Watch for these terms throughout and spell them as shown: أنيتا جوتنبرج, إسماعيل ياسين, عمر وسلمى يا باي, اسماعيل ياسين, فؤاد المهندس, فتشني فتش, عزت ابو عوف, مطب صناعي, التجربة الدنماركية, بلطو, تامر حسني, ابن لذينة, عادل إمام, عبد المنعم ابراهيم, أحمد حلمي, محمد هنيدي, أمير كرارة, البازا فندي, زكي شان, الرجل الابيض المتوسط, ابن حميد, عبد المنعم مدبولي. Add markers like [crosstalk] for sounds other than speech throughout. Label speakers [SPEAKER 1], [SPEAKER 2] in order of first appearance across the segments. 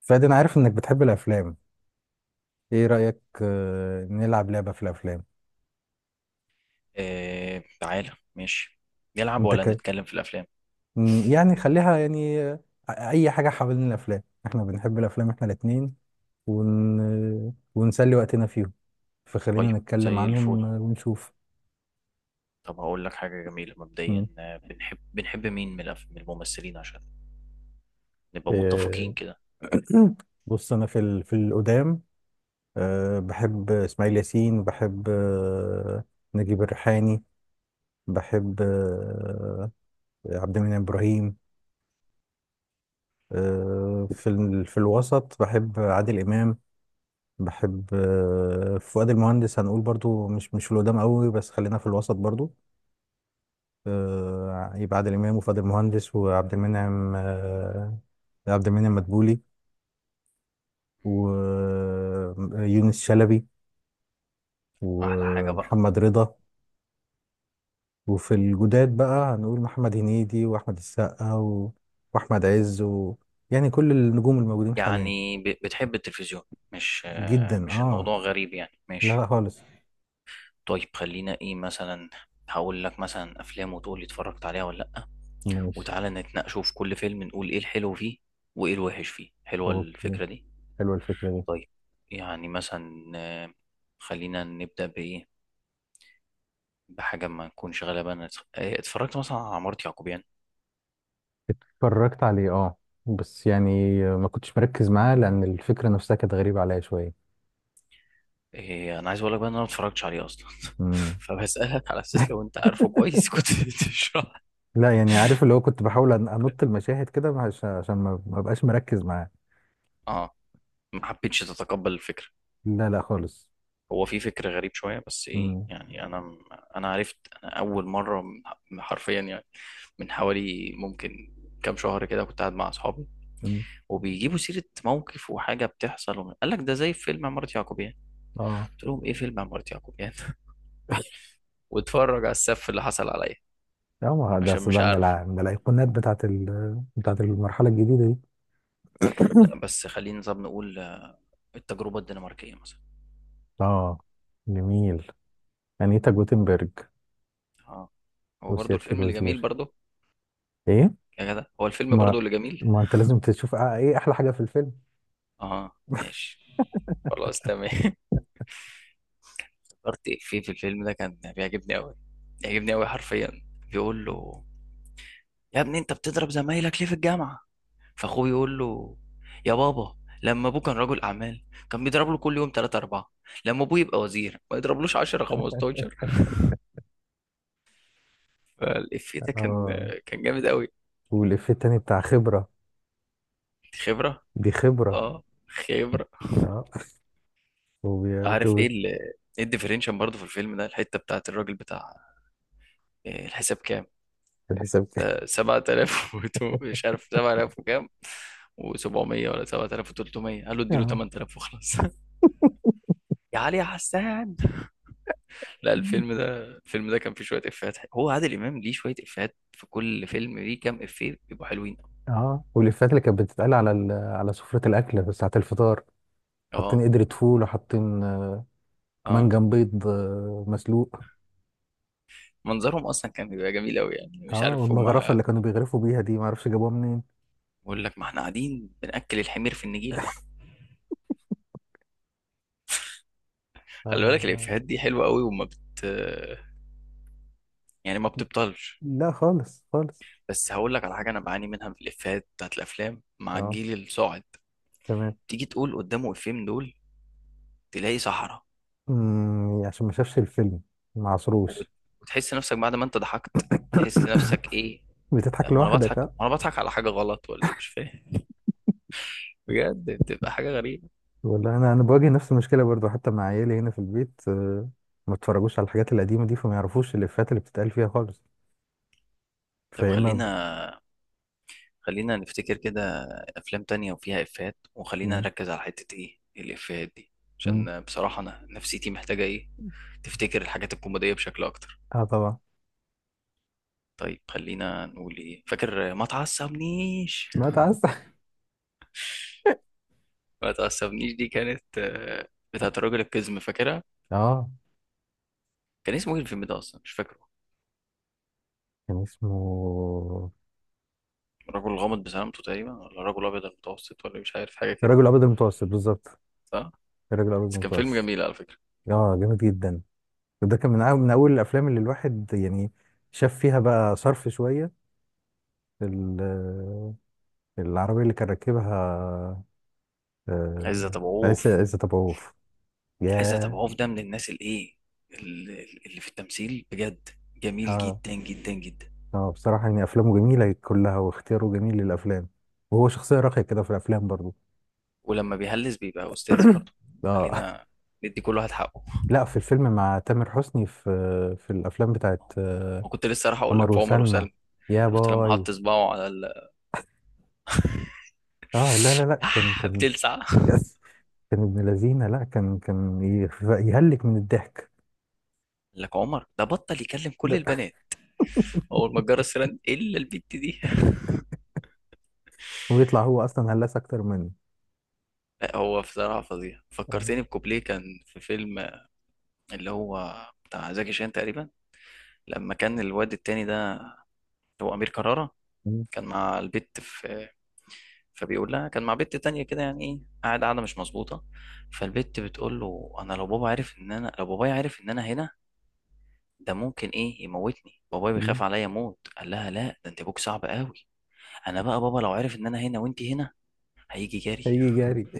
[SPEAKER 1] فادي، انا عارف انك بتحب الافلام. ايه رايك، نلعب لعبه في الافلام.
[SPEAKER 2] آه، تعالى، ماشي. نلعب
[SPEAKER 1] انت
[SPEAKER 2] ولا
[SPEAKER 1] ك...
[SPEAKER 2] نتكلم في الأفلام؟
[SPEAKER 1] يعني خليها يعني اي حاجه حوالين الافلام. احنا بنحب الافلام احنا الاتنين ون... آه، ونسلي وقتنا فيهم. فخلينا
[SPEAKER 2] طيب،
[SPEAKER 1] نتكلم
[SPEAKER 2] زي الفل.
[SPEAKER 1] عنهم ونشوف.
[SPEAKER 2] طب هقول لك حاجة جميلة
[SPEAKER 1] م.
[SPEAKER 2] مبدئيا، بنحب مين من الممثلين عشان نبقى متفقين
[SPEAKER 1] آه.
[SPEAKER 2] كده.
[SPEAKER 1] [clears throat] بص، انا في القدام. بحب اسماعيل ياسين. بحب نجيب الريحاني. بحب عبد المنعم ابراهيم. في الوسط بحب عادل إمام. بحب فؤاد المهندس. هنقول برضو مش في القدام قوي، بس خلينا في الوسط برضو. يبقى عادل إمام وفؤاد المهندس وعبد المنعم عبد المنعم مدبولي. ويونس شلبي.
[SPEAKER 2] أحلى حاجة بقى.
[SPEAKER 1] ومحمد رضا. وفي الجداد بقى هنقول محمد هنيدي وأحمد السقا وأحمد عز يعني كل النجوم الموجودين حاليا.
[SPEAKER 2] يعني بتحب التلفزيون؟ مش آه،
[SPEAKER 1] جدا.
[SPEAKER 2] مش
[SPEAKER 1] اه.
[SPEAKER 2] الموضوع غريب، يعني
[SPEAKER 1] لا،
[SPEAKER 2] ماشي.
[SPEAKER 1] لا خالص.
[SPEAKER 2] طيب، خلينا إيه مثلا. هقول لك مثلا أفلام وتقول لي اتفرجت عليها ولا لأ.
[SPEAKER 1] ماشي.
[SPEAKER 2] وتعالى نتناقشوا في كل فيلم، نقول إيه الحلو فيه وإيه الوحش فيه. حلوة
[SPEAKER 1] اوكي.
[SPEAKER 2] الفكرة دي.
[SPEAKER 1] حلوة الفكرة دي.
[SPEAKER 2] طيب، يعني مثلا، خلينا نبدأ بإيه، بحاجة ما نكونش غالبا اتفرجت مثلا على عمارة يعقوبيان.
[SPEAKER 1] اتفرجت عليه، اه. بس يعني ما كنتش مركز معاه لأن الفكرة نفسها كانت غريبة عليا شوية.
[SPEAKER 2] إيه، أنا عايز أقول لك بقى إن أنا ما اتفرجتش عليه أصلا.
[SPEAKER 1] مم.
[SPEAKER 2] [laughs] فبسألك على أساس
[SPEAKER 1] [laughs]
[SPEAKER 2] لو أنت عارفه كويس كنت [laughs] تشرح.
[SPEAKER 1] لا، يعني عارف اللي هو، كنت بحاول أنط المشاهد كده عشان ما بقاش مركز معاه.
[SPEAKER 2] أه، ما حبيتش تتقبل الفكرة؟
[SPEAKER 1] لا، لا خالص.
[SPEAKER 2] هو في فكر غريب شوية، بس إيه
[SPEAKER 1] مم.
[SPEAKER 2] يعني، أنا أنا عرفت. أنا أول مرة، حرفيا يعني، من حوالي ممكن كام شهر كده، كنت قاعد مع أصحابي
[SPEAKER 1] مم.
[SPEAKER 2] وبيجيبوا سيرة موقف وحاجة بتحصل، قال لك ده زي فيلم عمارة يعقوبيان.
[SPEAKER 1] اه.
[SPEAKER 2] قلت لهم ايه فيلم عمارة يعقوبيان؟ [laughs] واتفرج على السف اللي حصل عليا
[SPEAKER 1] اه، ما هو ده
[SPEAKER 2] عشان
[SPEAKER 1] أصل
[SPEAKER 2] مش
[SPEAKER 1] ده
[SPEAKER 2] عارفه.
[SPEAKER 1] من الأيقونات بتاعت المرحلة الجديدة دي.
[SPEAKER 2] لا
[SPEAKER 1] [coughs]
[SPEAKER 2] بس خلينا طب نقول، التجربة الدنماركية مثلا.
[SPEAKER 1] اه، جميل. أنيتا جوتنبرج.
[SPEAKER 2] اه، هو برضو
[SPEAKER 1] وسيادة
[SPEAKER 2] الفيلم اللي جميل
[SPEAKER 1] الوزير.
[SPEAKER 2] برضو.
[SPEAKER 1] ايه.
[SPEAKER 2] يا جدع، هو الفيلم
[SPEAKER 1] ما
[SPEAKER 2] برضو اللي جميل.
[SPEAKER 1] ما انت لازم تشوف ايه احلى حاجة في الفيلم.
[SPEAKER 2] اه، ماشي. خلاص تمام. [laughs] افتكرت في الفيلم ده كان بيعجبني قوي. بيعجبني قوي حرفيا. بيقول له: يا ابني انت بتضرب زمايلك ليه في الجامعة؟ فاخوه يقول له: يا بابا، لما ابوه كان رجل اعمال كان بيضرب له كل يوم 3 4، لما ابوه يبقى وزير ما يضربلوش 10 15. فالإفيه ده كان
[SPEAKER 1] اه،
[SPEAKER 2] كان جامد قوي.
[SPEAKER 1] والإفيه التاني بتاع خبرة.
[SPEAKER 2] خبرة.
[SPEAKER 1] دي خبرة.
[SPEAKER 2] اه، خبرة.
[SPEAKER 1] اه،
[SPEAKER 2] عارف
[SPEAKER 1] وبيكتب
[SPEAKER 2] ايه الديفرنشن برضه في الفيلم ده، الحتة بتاعت الراجل بتاع: إيه الحساب كام؟
[SPEAKER 1] في الحساب كده.
[SPEAKER 2] ده 7000، [laughs] مش عارف 7000 وكام، و700، ولا 7300؟ قال له اديله
[SPEAKER 1] اه.
[SPEAKER 2] 8000 وخلاص. [laughs] يا علي يا حسان! لا، الفيلم ده كان فيه شوية إفيهات حلوة. هو عادل إمام ليه شوية إفيهات في كل فيلم، ليه كام إفيه بيبقوا حلوين.
[SPEAKER 1] اه، والإفيهات اللي كانت بتتقال على سفرة الأكل في ساعة الفطار. حاطين
[SPEAKER 2] اه.
[SPEAKER 1] قدرة فول وحاطين
[SPEAKER 2] اه.
[SPEAKER 1] منجم بيض مسلوق.
[SPEAKER 2] منظرهم اصلا كان بيبقى جميل قوي، يعني مش
[SPEAKER 1] اه،
[SPEAKER 2] عارف هم.
[SPEAKER 1] والمغرفة اللي كانوا بيغرفوا بيها دي معرفش جابوها منين.
[SPEAKER 2] بقول لك، ما احنا قاعدين بنأكل الحمير في النجيلة. خلي بالك
[SPEAKER 1] اه،
[SPEAKER 2] الإفيهات دي حلوة قوي، وما بت يعني ما بتبطلش.
[SPEAKER 1] لا خالص خالص.
[SPEAKER 2] بس هقول لك على حاجة أنا بعاني منها في الإفيهات بتاعت الأفلام مع
[SPEAKER 1] اه،
[SPEAKER 2] الجيل الصاعد.
[SPEAKER 1] تمام.
[SPEAKER 2] تيجي تقول قدامه إفيه من دول، تلاقي صحراء.
[SPEAKER 1] عشان ما شافش الفيلم. ما
[SPEAKER 2] وبت-
[SPEAKER 1] عصروش.
[SPEAKER 2] وتحس نفسك بعد ما أنت ضحكت. تحس
[SPEAKER 1] [coughs]
[SPEAKER 2] نفسك إيه.
[SPEAKER 1] بتضحك
[SPEAKER 2] وأنا
[SPEAKER 1] لوحدك،
[SPEAKER 2] بضحك
[SPEAKER 1] آه.
[SPEAKER 2] وأنا بضحك على حاجة غلط ولا إيه مش فاهم. [laughs] بجد بتبقى حاجة غريبة.
[SPEAKER 1] والله، انا بواجه نفس المشكله برضو حتى مع عيالي هنا في البيت ما اتفرجوش على الحاجات القديمه دي فما يعرفوش الافيهات اللي بتتقال فيها خالص.
[SPEAKER 2] طب،
[SPEAKER 1] فيا اما
[SPEAKER 2] خلينا نفتكر كده افلام تانية وفيها افيهات، وخلينا
[SPEAKER 1] مم.
[SPEAKER 2] نركز على حتة ايه الافيهات دي.
[SPEAKER 1] مم.
[SPEAKER 2] عشان بصراحة انا نفسيتي محتاجة ايه. تفتكر الحاجات الكوميدية بشكل اكتر.
[SPEAKER 1] اه، طبعا.
[SPEAKER 2] طيب، خلينا نقول ايه، فاكر ما تعصبنيش؟
[SPEAKER 1] ما تعس
[SPEAKER 2] ما تعصبنيش دي كانت، بتاعت الراجل القزم، فاكرها؟
[SPEAKER 1] [laughs] اه،
[SPEAKER 2] كان اسمه ايه الفيلم ده اصلا؟ مش فاكره.
[SPEAKER 1] كان اسمه
[SPEAKER 2] الرجل الغامض بسلامته تقريبا، ولا الرجل الابيض المتوسط، ولا مش عارف حاجة كده.
[SPEAKER 1] الرجل الابيض المتوسط بالظبط.
[SPEAKER 2] صح.
[SPEAKER 1] الرجل الابيض
[SPEAKER 2] بس كان فيلم
[SPEAKER 1] المتوسط.
[SPEAKER 2] جميل، على فكرة.
[SPEAKER 1] اه، جامد جدا. ده كان من اول الافلام اللي الواحد يعني شاف فيها بقى صرف شويه. ال- العربيه اللي كان راكبها
[SPEAKER 2] عزت
[SPEAKER 1] آه،
[SPEAKER 2] ابو
[SPEAKER 1] عيسى
[SPEAKER 2] عوف.
[SPEAKER 1] عيسى طبعوف.
[SPEAKER 2] عزت
[SPEAKER 1] ياه.
[SPEAKER 2] ابو عوف ده من الناس الايه، اللي في التمثيل بجد، جميل
[SPEAKER 1] آه.
[SPEAKER 2] جدا جدا جدا.
[SPEAKER 1] اه، بصراحة يعني أفلامه جميلة كلها واختياره جميل للأفلام. وهو شخصية راقية كده في الأفلام برضو.
[SPEAKER 2] ولما بيهلس بيبقى استاذ
[SPEAKER 1] [coughs]
[SPEAKER 2] برضه.
[SPEAKER 1] [clears throat] اه،
[SPEAKER 2] خلينا ندي كل واحد حقه.
[SPEAKER 1] لا، في الفيلم مع تامر حسني في الأفلام بتاعت
[SPEAKER 2] وكنت لسه راح اقول
[SPEAKER 1] عمر
[SPEAKER 2] لك في عمر
[SPEAKER 1] وسلمى.
[SPEAKER 2] وسلمى.
[SPEAKER 1] يا
[SPEAKER 2] شفت لما
[SPEAKER 1] باي.
[SPEAKER 2] حط صباعه على
[SPEAKER 1] اه، لا، لا، لا،
[SPEAKER 2] [laughs] يح بتلسع،
[SPEAKER 1] كان
[SPEAKER 2] قال.
[SPEAKER 1] كان ابن لذينة. لا، كان يهلك من الضحك.
[SPEAKER 2] لك عمر ده بطل يكلم كل
[SPEAKER 1] ده- [laughs]
[SPEAKER 2] البنات. اول ما جرى السيران الا البت دي.
[SPEAKER 1] ويطلع هو أصلا هلاس أكتر منه.
[SPEAKER 2] لا هو بصراحه فظيع،
[SPEAKER 1] اه.
[SPEAKER 2] فكرتني بكوبليه كان في فيلم، اللي هو بتاع زكي شان تقريبا، لما كان الواد التاني ده اللي هو امير كرارة،
[SPEAKER 1] مم.
[SPEAKER 2] كان مع البت في. فبيقول لها: كان مع بنت تانية كده، يعني ايه قاعد قاعدة مش مظبوطة. فالبت بتقول له: انا لو بابا عرف ان انا لو بابايا عرف ان انا هنا، ده ممكن ايه، يموتني، بابايا بيخاف
[SPEAKER 1] مم.
[SPEAKER 2] عليا موت. قال لها: لا، ده انت ابوك صعب قوي، انا بقى بابا لو عرف ان انا هنا وانت هنا، هيجي جري.
[SPEAKER 1] هيجي جاري.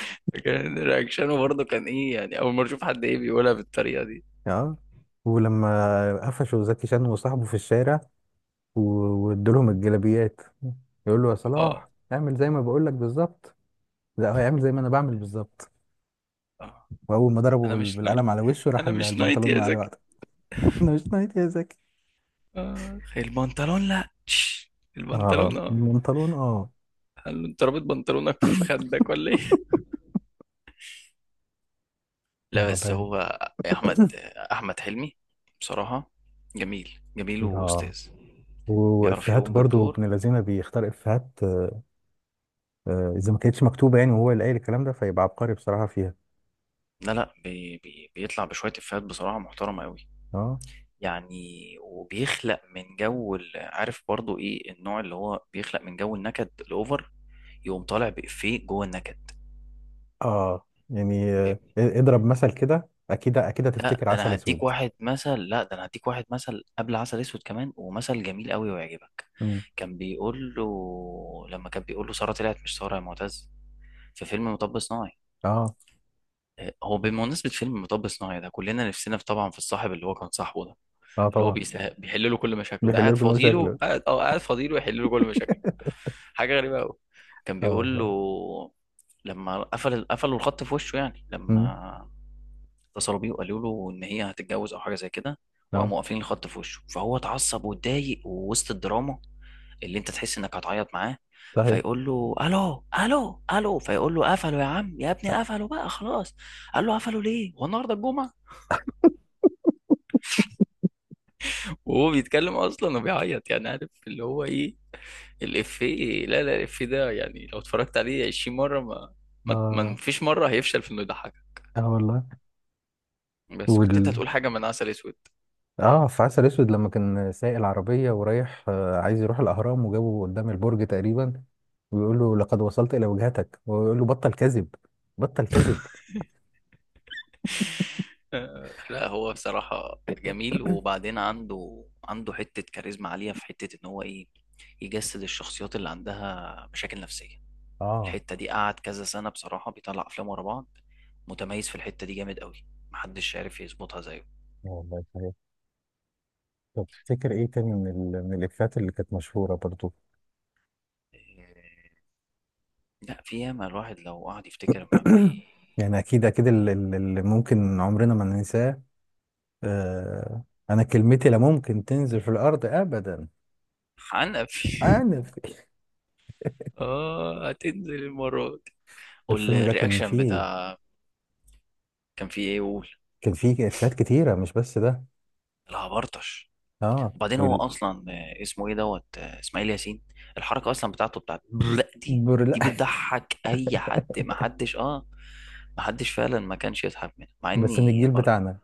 [SPEAKER 2] [laughs] كان رياكشنه برضه كان ايه، يعني اول مرة اشوف حد ايه بيقولها بالطريقة دي.
[SPEAKER 1] اه، ولما قفشوا زكي شان وصاحبه في الشارع و- وادولهم الجلابيات. يقول له، يا
[SPEAKER 2] اه.
[SPEAKER 1] صلاح اعمل زي ما بقول لك بالظبط. لا، هو يعمل زي ما انا بعمل بالظبط.
[SPEAKER 2] اه.
[SPEAKER 1] واول ما ضربه
[SPEAKER 2] انا مش نايت،
[SPEAKER 1] بالقلم على وشه راح
[SPEAKER 2] انا مش نايت
[SPEAKER 1] البنطلون
[SPEAKER 2] يا
[SPEAKER 1] وقع على
[SPEAKER 2] زكي!
[SPEAKER 1] وقته. [laughs] انا مش نايت يا زكي.
[SPEAKER 2] آه. البنطلون، لا. [laughs] تش، البنطلون،
[SPEAKER 1] اه،
[SPEAKER 2] اه.
[SPEAKER 1] البنطلون اه.
[SPEAKER 2] هل انت رابط بنطلونك في خدك ولا ايه؟ لا
[SPEAKER 1] اه،
[SPEAKER 2] بس
[SPEAKER 1] ده.
[SPEAKER 2] هو احمد
[SPEAKER 1] [coughs]
[SPEAKER 2] احمد حلمي بصراحة جميل، جميل
[SPEAKER 1] اه،
[SPEAKER 2] واستاذ. بيعرف
[SPEAKER 1] وافيهاته
[SPEAKER 2] يقوم
[SPEAKER 1] برضو ابن
[SPEAKER 2] بالدور.
[SPEAKER 1] الذين بيختار افيهات. اذا ما كانتش مكتوبه يعني وهو اللي قايل الكلام ده فيبقى عبقري بصراحه فيها.
[SPEAKER 2] لا، لا، بي بي بيطلع بشوية إفيهات بصراحة محترمة قوي.
[SPEAKER 1] اه.
[SPEAKER 2] يعني وبيخلق من جو عارف برضو ايه النوع اللي هو بيخلق من جو النكد الأوفر، يقوم طالع بإفيه جوه النكد.
[SPEAKER 1] اه، يعني اضرب مثل كده، اكيد اكيد
[SPEAKER 2] لا
[SPEAKER 1] هتفتكر
[SPEAKER 2] ده
[SPEAKER 1] عسل
[SPEAKER 2] انا هديك
[SPEAKER 1] اسود.
[SPEAKER 2] واحد مثل لا ده انا هديك واحد مثل قبل عسل اسود كمان، ومثل جميل قوي ويعجبك.
[SPEAKER 1] مم.
[SPEAKER 2] كان بيقول له لما كان بيقول له: ساره طلعت، مش ساره يا معتز، في فيلم مطب صناعي.
[SPEAKER 1] اه.
[SPEAKER 2] هو بمناسبة فيلم مطب صناعي ده كلنا نفسنا في، طبعا، في الصاحب اللي هو كان صاحبه ده،
[SPEAKER 1] اه،
[SPEAKER 2] اللي هو
[SPEAKER 1] طبعا.
[SPEAKER 2] بيحل له كل مشاكله، ده
[SPEAKER 1] بيحلو كل مشاكله.
[SPEAKER 2] قاعد فاضيله يحل له كل مشاكله. حاجة غريبة قوي. كان
[SPEAKER 1] اه،
[SPEAKER 2] بيقول له،
[SPEAKER 1] والله.
[SPEAKER 2] لما قفلوا الخط في وشه، يعني
[SPEAKER 1] امم.
[SPEAKER 2] لما اتصلوا بيه وقالوا له ان هي هتتجوز او حاجه زي كده،
[SPEAKER 1] اه،
[SPEAKER 2] وقاموا قافلين الخط في وشه، فهو اتعصب واتضايق، ووسط الدراما اللي انت تحس انك هتعيط معاه،
[SPEAKER 1] صحيح.
[SPEAKER 2] فيقول له: الو، الو، الو. فيقول له: قفلوا يا عم، يا ابني قفلوا بقى، خلاص. قال له: قفلوا ليه؟ هو النهارده الجمعه؟ وهو بيتكلم اصلا وبيعيط، يعني عارف اللي هو ايه. لا، لا، الافيه ده، يعني لو اتفرجت عليه 20 مره، ما ما
[SPEAKER 1] اه.
[SPEAKER 2] فيش مره هيفشل في انه يضحكك.
[SPEAKER 1] اه، والله.
[SPEAKER 2] بس كنت انت
[SPEAKER 1] وال
[SPEAKER 2] هتقول حاجه من عسل اسود.
[SPEAKER 1] اه، في عسل اسود لما كان سايق العربيه ورايح عايز يروح الاهرام وجابه قدام البرج تقريبا. ويقول له لقد وصلت الى وجهتك، ويقول له بطل كذب. بطل كذب.
[SPEAKER 2] لا هو بصراحة جميل، وبعدين عنده حتة كاريزما عالية في حتة إن هو إيه، يجسد الشخصيات اللي عندها مشاكل نفسية.
[SPEAKER 1] اه،
[SPEAKER 2] الحتة دي قعد كذا سنة بصراحة بيطلع أفلام ورا بعض، متميز في الحتة دي جامد قوي. محدش عارف يظبطها زيه.
[SPEAKER 1] والله، صحيح. طب تفتكر ايه تاني من الافيهات اللي كانت مشهوره برضو.
[SPEAKER 2] آه، لا، في ياما الواحد لو قعد يفتكر ما
[SPEAKER 1] [clears throat]
[SPEAKER 2] بي
[SPEAKER 1] يعني اكيد اكيد اللي ممكن عمرنا ما ننساه. آه انا كلمتي لا ممكن تنزل في الارض ابدا.
[SPEAKER 2] حنق فيه.
[SPEAKER 1] عارف؟
[SPEAKER 2] [laughs] آه، هتنزل المرة دي.
[SPEAKER 1] الفيلم ده كان
[SPEAKER 2] والرياكشن
[SPEAKER 1] فيه
[SPEAKER 2] بتاع. كان فيه إيه، يقول:
[SPEAKER 1] كان فيه افيهات كتيره، مش بس ده.
[SPEAKER 2] العبرطش.
[SPEAKER 1] اه،
[SPEAKER 2] وبعدين هو اصلا، اسمه ايه دوت، اسماعيل ياسين، الحركه اصلا بتاعته بتاعت برق دي،
[SPEAKER 1] برلا.
[SPEAKER 2] دي بتضحك اي حد. ما حدش فعلا ما كانش يضحك منها، مع
[SPEAKER 1] بس من
[SPEAKER 2] اني
[SPEAKER 1] الجيل بتاعنا.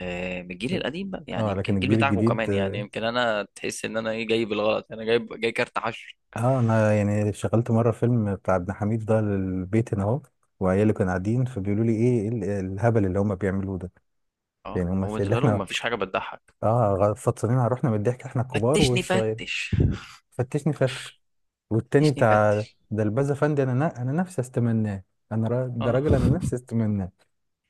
[SPEAKER 2] من الجيل القديم بقى، يعني
[SPEAKER 1] اه،
[SPEAKER 2] يمكن
[SPEAKER 1] لكن
[SPEAKER 2] الجيل
[SPEAKER 1] الجيل
[SPEAKER 2] بتاعكم
[SPEAKER 1] الجديد.
[SPEAKER 2] كمان، يعني يمكن انا تحس ان انا ايه، جاي بالغلط، انا جاي كارت حشر.
[SPEAKER 1] اه، انا يعني شغلت مره فيلم بتاع ابن حميد ده للبيت هنا اهو. وعيالي كانوا قاعدين فبيقولوا لي إيه الهبل اللي هم بيعملوه ده.
[SPEAKER 2] اه،
[SPEAKER 1] يعني هم
[SPEAKER 2] هو
[SPEAKER 1] الشيء اللي
[SPEAKER 2] بالنسبه لهم
[SPEAKER 1] احنا،
[SPEAKER 2] ما فيش حاجه بتضحك.
[SPEAKER 1] اه، فطسانين على روحنا من الضحك احنا الكبار
[SPEAKER 2] فتشني
[SPEAKER 1] والصغير.
[SPEAKER 2] فتش.
[SPEAKER 1] فتشني فتش. والتاني
[SPEAKER 2] فتشني
[SPEAKER 1] بتاع
[SPEAKER 2] فتش.
[SPEAKER 1] ده البازا فندي، انا نفسي استمناه. ده
[SPEAKER 2] اه.
[SPEAKER 1] راجل
[SPEAKER 2] [laughs]
[SPEAKER 1] انا نفسي استمناه.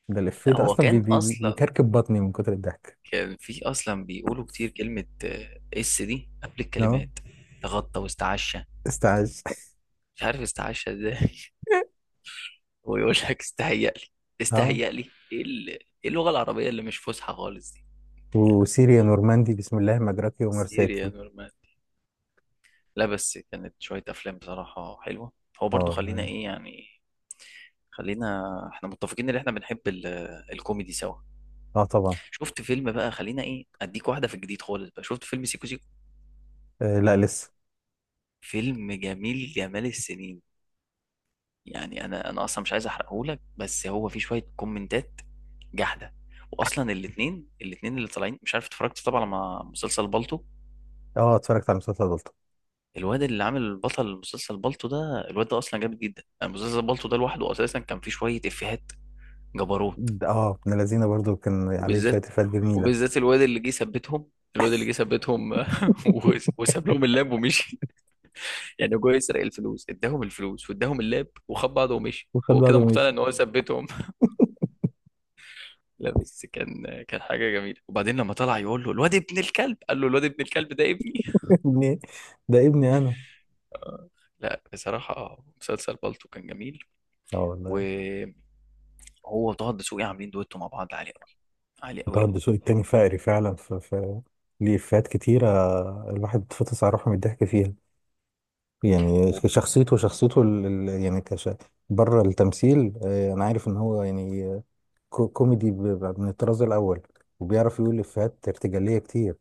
[SPEAKER 1] ده الإفيه
[SPEAKER 2] لا
[SPEAKER 1] ده
[SPEAKER 2] هو
[SPEAKER 1] أصلا بي
[SPEAKER 2] كان
[SPEAKER 1] بي
[SPEAKER 2] اصلا،
[SPEAKER 1] بيكركب بطني من كتر الضحك.
[SPEAKER 2] كان في اصلا بيقولوا كتير كلمه، اس دي قبل
[SPEAKER 1] اه،
[SPEAKER 2] الكلمات: تغطى واستعشى.
[SPEAKER 1] استعاذ.
[SPEAKER 2] مش عارف استعشى ازاي. [laughs] هو يقول لك: استهيأ لي.
[SPEAKER 1] [laughs] اه،
[SPEAKER 2] استهيأ لي ايه؟ إيه اللغه العربيه اللي مش فصحى خالص دي؟
[SPEAKER 1] وسيريا نورماندي بسم الله مجراكي
[SPEAKER 2] سيريا
[SPEAKER 1] ومرساكي.
[SPEAKER 2] نورمان. لا، بس كانت شويه افلام بصراحه حلوه. هو
[SPEAKER 1] اه،
[SPEAKER 2] برضو خلينا
[SPEAKER 1] والله.
[SPEAKER 2] ايه يعني، خلينا احنا متفقين ان احنا بنحب الكوميدي سوا.
[SPEAKER 1] اه، طبعا.
[SPEAKER 2] شفت فيلم بقى، خلينا ايه، اديك واحده في الجديد خالص بقى، شفت فيلم سيكو سيكو؟
[SPEAKER 1] لا، لسه.
[SPEAKER 2] فيلم جميل جمال السنين. يعني انا اصلا مش عايز احرقهولك، بس هو في شويه كومنتات جحده. واصلا الاثنين اللي طالعين، مش عارف، اتفرجت طبعا على مسلسل بالطو.
[SPEAKER 1] اه، اتفرجت على مسلسل بلطو.
[SPEAKER 2] الواد اللي عامل بطل مسلسل بالطو ده، الواد ده اصلا جامد جدا، يعني مسلسل بالطو ده لوحده اساسا كان فيه شويه افيهات جبروت.
[SPEAKER 1] اه، ابن لذينه برضو كان عليه شوية
[SPEAKER 2] وبالذات
[SPEAKER 1] إفيهات جميلة.
[SPEAKER 2] وبالذات الواد اللي جه ثبتهم، الواد اللي جه ثبتهم، [laughs] وساب لهم اللاب ومشي. يعني هو جاي يسرق الفلوس، اداهم الفلوس واداهم اللاب وخد بعضه ومشي،
[SPEAKER 1] وخد
[SPEAKER 2] هو كده
[SPEAKER 1] بعضه
[SPEAKER 2] مقتنع
[SPEAKER 1] ومشي.
[SPEAKER 2] ان هو ثبتهم. لا بس كان حاجة جميلة. وبعدين لما طلع يقول له: الواد ابن الكلب. قال له: الواد ابن الكلب ده ابني.
[SPEAKER 1] [laughs] ابني. ده ابني أنا.
[SPEAKER 2] [laughs] لا بصراحة مسلسل بالطو كان جميل.
[SPEAKER 1] اه، والله.
[SPEAKER 2] وهو وطه الدسوقي عاملين دويتو مع بعض عالي قوي، عالي
[SPEAKER 1] وطه
[SPEAKER 2] قوي قوي.
[SPEAKER 1] الدسوقي التاني فقري فعلا في ليه إفيهات كتيرة. الواحد اتفطس على روحه من الضحك فيها. يعني شخصيته يعني بره التمثيل، انا عارف ان هو يعني كوميدي من الطراز الاول. وبيعرف يقول افيهات ارتجاليه كتير.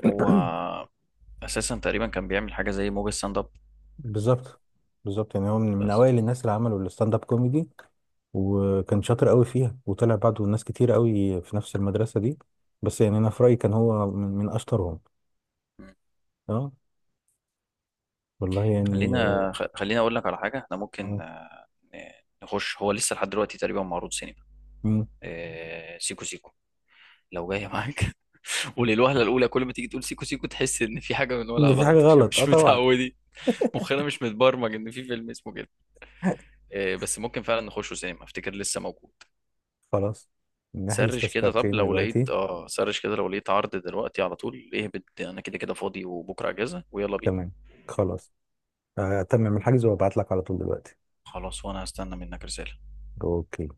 [SPEAKER 2] هو أساسا تقريبا كان بيعمل حاجة زي موجة ستاند اب.
[SPEAKER 1] بالظبط. بالظبط، يعني هو من
[SPEAKER 2] بس.
[SPEAKER 1] اوائل الناس اللي عملوا الستاند اب كوميدي. وكان شاطر قوي فيها، وطلع بعده ناس كتير قوي في نفس المدرسه دي. بس يعني انا في رايي كان هو من اشطرهم.
[SPEAKER 2] مم.
[SPEAKER 1] اه. والله يعني
[SPEAKER 2] خلينا أقول لك على حاجة، احنا ممكن،
[SPEAKER 1] آه،
[SPEAKER 2] ن- نخش، هو لسه لحد دلوقتي تقريبا معروض سينما،
[SPEAKER 1] مم.
[SPEAKER 2] سيكو سيكو، لو جاية معاك. وللوهلة الأولى كل ما تيجي تقول سيكو سيكو تحس إن في حاجة بنقولها
[SPEAKER 1] ان في حاجه
[SPEAKER 2] غلط. [laughs] عشان
[SPEAKER 1] غلط. اه،
[SPEAKER 2] مش
[SPEAKER 1] طبعا.
[SPEAKER 2] متعودين، مخنا مش متبرمج إن في فيلم اسمه كده. إيه، بس ممكن فعلا نخشه سينما، أفتكر لسه موجود.
[SPEAKER 1] خلاص، نحجز تذكرتين دلوقتي.
[SPEAKER 2] سرش كده لو لقيت عرض دلوقتي، على طول اهبط، أنا كده كده فاضي وبكرة أجازة، ويلا بينا.
[SPEAKER 1] تمام. خلاص. تمام الحجز وابعت لك على طول دلوقتي.
[SPEAKER 2] خلاص، وأنا هستنى منك رسالة.
[SPEAKER 1] اوكي.